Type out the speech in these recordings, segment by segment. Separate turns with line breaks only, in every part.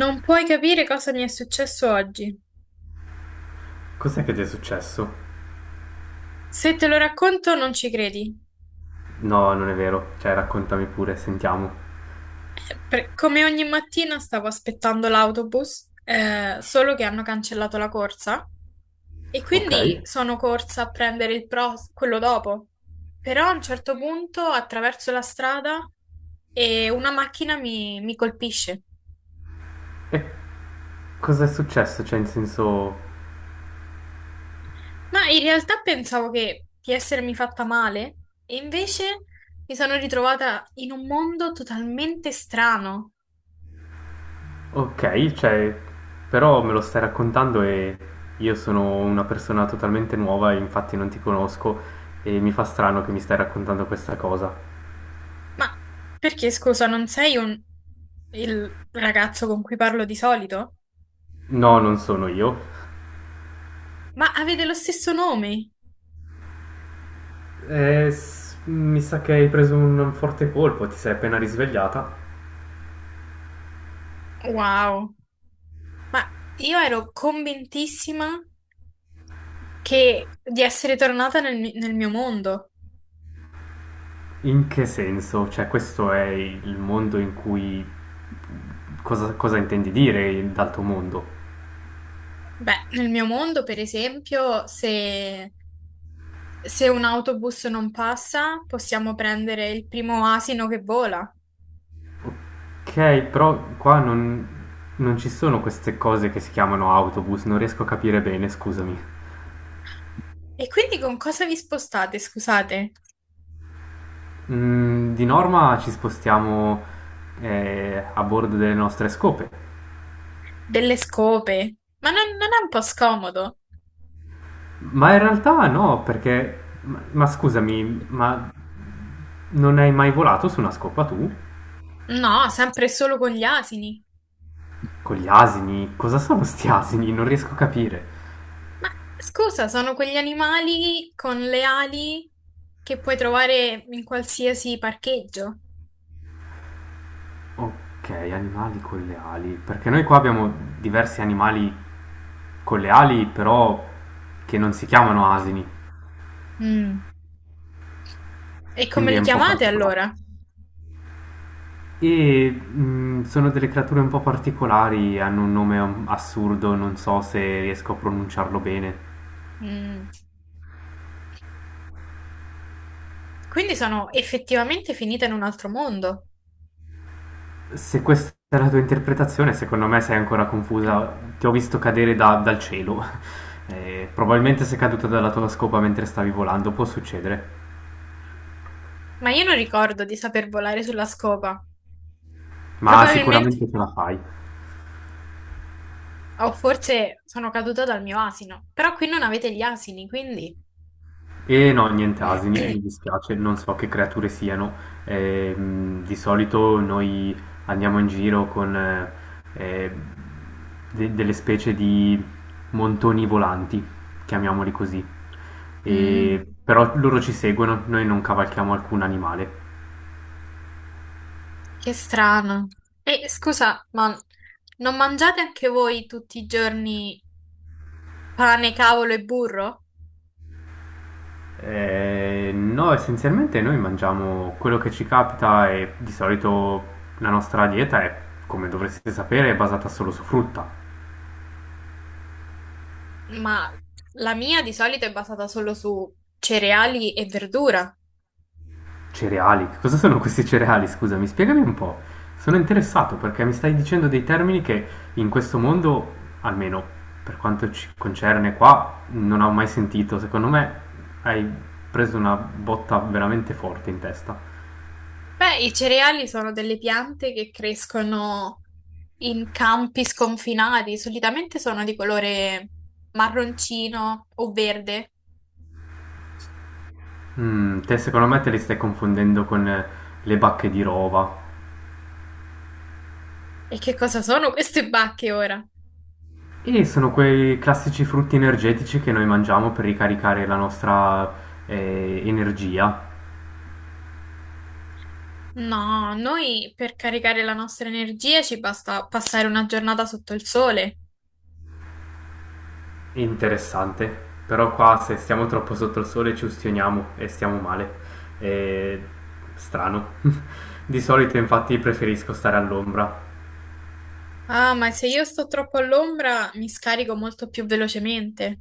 Non puoi capire cosa mi è successo oggi.
Cos'è che ti è successo?
Se te lo racconto, non ci credi.
No, non è vero. Cioè, raccontami pure, sentiamo.
Come ogni mattina stavo aspettando l'autobus, solo che hanno cancellato la corsa e
Ok.
quindi sono corsa a prendere quello dopo. Però a un certo punto attraverso la strada e una macchina mi colpisce.
E cos'è successo? Cioè, in senso...
Ma in realtà pensavo di essermi fatta male e invece mi sono ritrovata in un mondo totalmente strano.
Ok, cioè... Però me lo stai raccontando e io sono una persona totalmente nuova e infatti non ti conosco e mi fa strano che mi stai raccontando questa cosa.
Ma perché, scusa, non sei un... il ragazzo con cui parlo di solito?
No, non sono io.
Ma avete lo stesso nome?
Mi sa che hai preso un forte colpo, ti sei appena risvegliata.
Wow. Ma io ero convintissima che... di essere tornata nel mio mondo.
In che senso? Cioè, questo è il mondo in cui... Cosa, cosa intendi dire d'altro mondo?
Beh, nel mio mondo, per esempio, se... se un autobus non passa, possiamo prendere il primo asino che vola.
Ok, però qua non, non ci sono queste cose che si chiamano autobus, non riesco a capire bene, scusami.
E quindi con cosa vi spostate, scusate?
Mm, di norma ci spostiamo a bordo delle nostre scope,
Delle scope? Ma non è un po' scomodo?
ma in realtà no, perché... ma scusami, ma non hai mai volato su una scopa tu?
No, sempre e solo con gli asini.
Con gli asini? Cosa sono sti asini? Non riesco a capire.
Ma scusa, sono quegli animali con le ali che puoi trovare in qualsiasi parcheggio.
Okay, animali con le ali. Perché noi qua abbiamo diversi animali con le ali, però che non si chiamano asini,
Mm. E come
quindi è
li
un po'
chiamate
particolare.
allora?
E sono delle creature un po' particolari, hanno un nome assurdo, non so se riesco a pronunciarlo bene.
Mm. Quindi sono effettivamente finita in un altro mondo.
Se questa è la tua interpretazione, secondo me sei ancora
Mm.
confusa. Ti ho visto cadere dal cielo. Probabilmente sei caduta dalla tua scopa mentre stavi volando, può succedere,
Ma io non ricordo di saper volare sulla scopa.
ma
Probabilmente,
sicuramente ce la fai.
o forse sono caduta dal mio asino. Però qui non avete gli asini, quindi...
E no, niente asini, mi dispiace, non so che creature siano. Di solito noi andiamo in giro con eh, delle specie di montoni volanti, chiamiamoli così.
Mm.
Però loro ci seguono, noi non cavalchiamo alcun animale.
Che strano. E scusa, ma non mangiate anche voi tutti i giorni pane, cavolo e burro?
No, essenzialmente noi mangiamo quello che ci capita e di solito la nostra dieta è, come dovreste sapere, è basata solo su frutta.
Ma la mia di solito è basata solo su cereali e verdura.
Cereali? Che cosa sono questi cereali? Scusami, spiegami un po'. Sono interessato perché mi stai dicendo dei termini che in questo mondo, almeno per quanto ci concerne qua, non ho mai sentito. Secondo me hai preso una botta veramente forte in testa.
Beh, i cereali sono delle piante che crescono in campi sconfinati, solitamente sono di colore marroncino o verde.
Mm, te secondo me te li stai confondendo con le bacche di rova.
E che cosa sono queste bacche ora?
E sono quei classici frutti energetici che noi mangiamo per ricaricare la nostra energia.
No, noi per caricare la nostra energia ci basta passare una giornata sotto il sole.
Interessante, però qua se stiamo troppo sotto il sole ci ustioniamo e stiamo male. È strano. Di solito infatti preferisco stare all'ombra,
Ah, ma se io sto troppo all'ombra mi scarico molto più velocemente.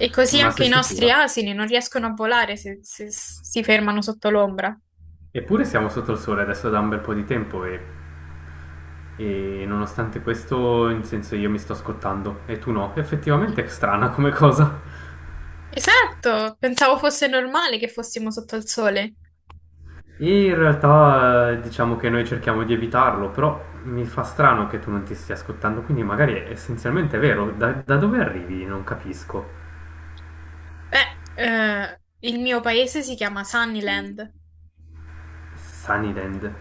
E così
ma
anche
sei
i nostri
sicura?
asini non riescono a volare se si fermano sotto l'ombra.
Eppure siamo sotto il sole adesso da un bel po' di tempo e nonostante questo, in senso io mi sto scottando e tu no. Effettivamente è strana come cosa.
Esatto, pensavo fosse normale che fossimo sotto il sole.
E in realtà diciamo che noi cerchiamo di evitarlo, però mi fa strano che tu non ti stia scottando, quindi magari è essenzialmente vero. Da dove arrivi? Non capisco.
Beh, eh, il mio paese si chiama Sunnyland.
Sunnyland.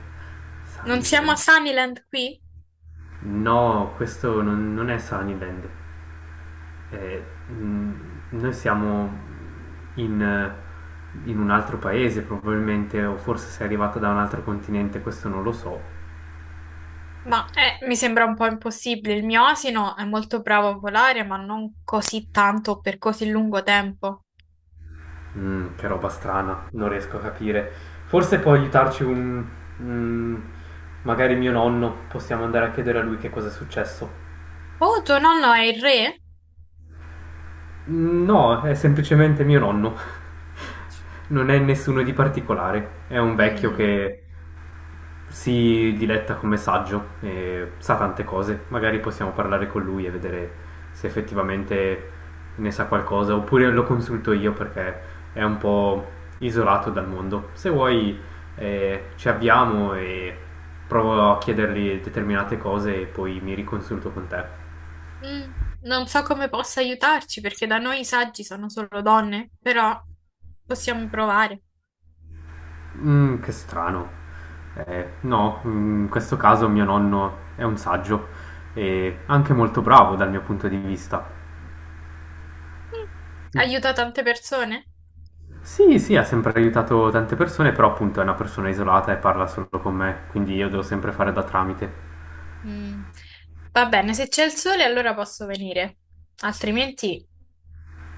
Non siamo a
Sunnyland.
Sunnyland qui?
No, questo non, non è Sunnyland. Eh, mm, Noi siamo in un altro paese probabilmente, o forse sei arrivata da un altro continente, questo non lo so.
Ma mi sembra un po' impossibile. Il mio asino è molto bravo a volare, ma non così tanto per così lungo tempo.
Mm, che roba strana, non riesco a capire. Forse può aiutarci un... un- magari mio nonno, possiamo andare a chiedere a lui che cosa è successo.
Oh, tuo nonno è il re?
No, è semplicemente mio nonno. Non è nessuno di particolare. È un vecchio
Mm,
che si diletta come saggio e sa tante cose. Magari possiamo parlare con lui e vedere se effettivamente ne sa qualcosa. Oppure lo consulto io perché è un po' isolato dal mondo. Se vuoi, ci avviamo e provo a chiedergli determinate cose e poi mi riconsulto con te.
mm, non so come possa aiutarci, perché da noi i saggi sono solo donne, però possiamo provare.
Che strano. No, mhmm, in questo caso mio nonno è un saggio e anche molto bravo dal mio punto di vista.
Mm,
Mh,
aiuta tante persone?
sì, sì, ha sempre aiutato tante persone, però appunto è una persona isolata e parla solo con me, quindi io devo sempre fare da tramite.
Mm, va bene, se c'è il sole allora posso venire, altrimenti...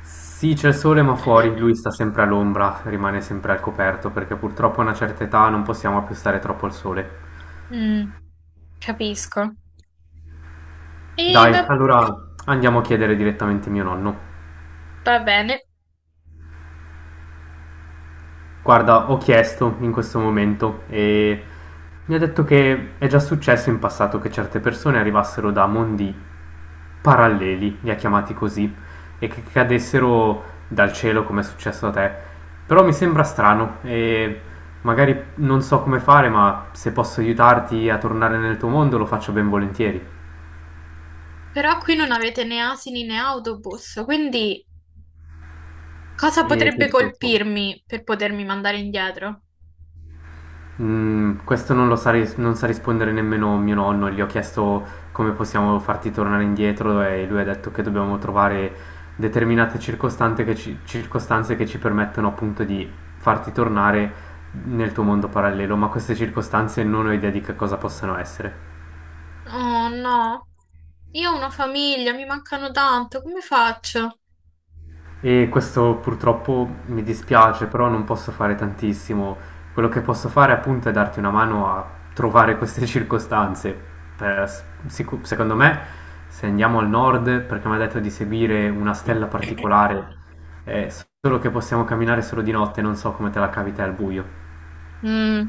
Sì, c'è il sole ma fuori, lui sta sempre all'ombra, rimane sempre al coperto perché purtroppo a una certa età non possiamo più stare troppo al sole.
Mm, capisco. E
Dai,
va,
allora andiamo a chiedere direttamente mio nonno.
va bene.
Guarda, ho chiesto in questo momento e mi ha detto che è già successo in passato che certe persone arrivassero da mondi paralleli, li ha chiamati così, e che cadessero dal cielo come è successo a te. Però mi sembra strano e magari non so come fare, ma se posso aiutarti a tornare nel tuo mondo lo faccio ben volentieri.
Però qui non avete né asini né autobus, quindi cosa
E
potrebbe
quindi te lo faccio.
colpirmi per potermi mandare indietro?
Mm, questo non lo sa, non sa rispondere nemmeno mio nonno, gli ho chiesto come possiamo farti tornare indietro e lui ha detto che dobbiamo trovare determinate circostanze che ci permettono appunto di farti tornare nel tuo mondo parallelo, ma queste circostanze non ho idea di che cosa possano essere.
Oh no, io ho una famiglia, mi mancano tanto, come faccio?
E questo purtroppo mi dispiace, però non posso fare tantissimo. Quello che posso fare appunto è darti una mano a trovare queste circostanze. Per- Secondo me, se andiamo al nord, perché mi ha detto di seguire una stella particolare, è solo che possiamo camminare solo di notte, non so come te la cavi te al buio.
Mm,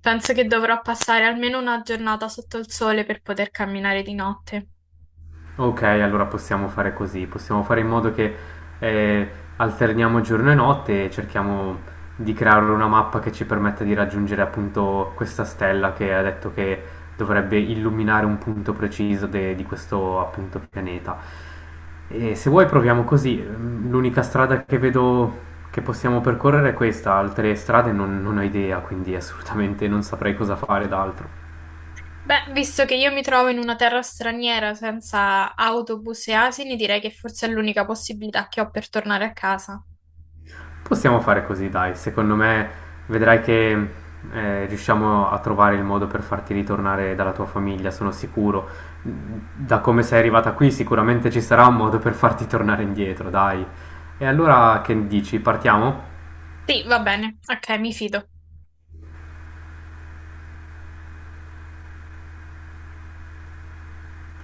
penso che dovrò passare almeno una giornata sotto il sole per poter camminare di notte.
Ok, allora possiamo fare così, possiamo fare in modo che eh, alterniamo giorno e notte e cerchiamo di creare una mappa che ci permetta di raggiungere appunto questa stella che ha detto che dovrebbe illuminare un punto preciso di questo appunto pianeta. E se vuoi proviamo così. Mm, l'unica strada che vedo che possiamo percorrere è questa, altre strade non, non ho idea, quindi assolutamente non saprei cosa fare d'altro.
Beh, visto che io mi trovo in una terra straniera senza autobus e asini, direi che forse è l'unica possibilità che ho per tornare a casa.
Possiamo fare così, dai. Secondo me vedrai che riusciamo a trovare il modo per farti ritornare dalla tua famiglia, sono sicuro. Da come sei arrivata qui, sicuramente ci sarà un modo per farti tornare indietro, dai. E allora che dici? Partiamo?
Sì, va bene, ok, mi fido.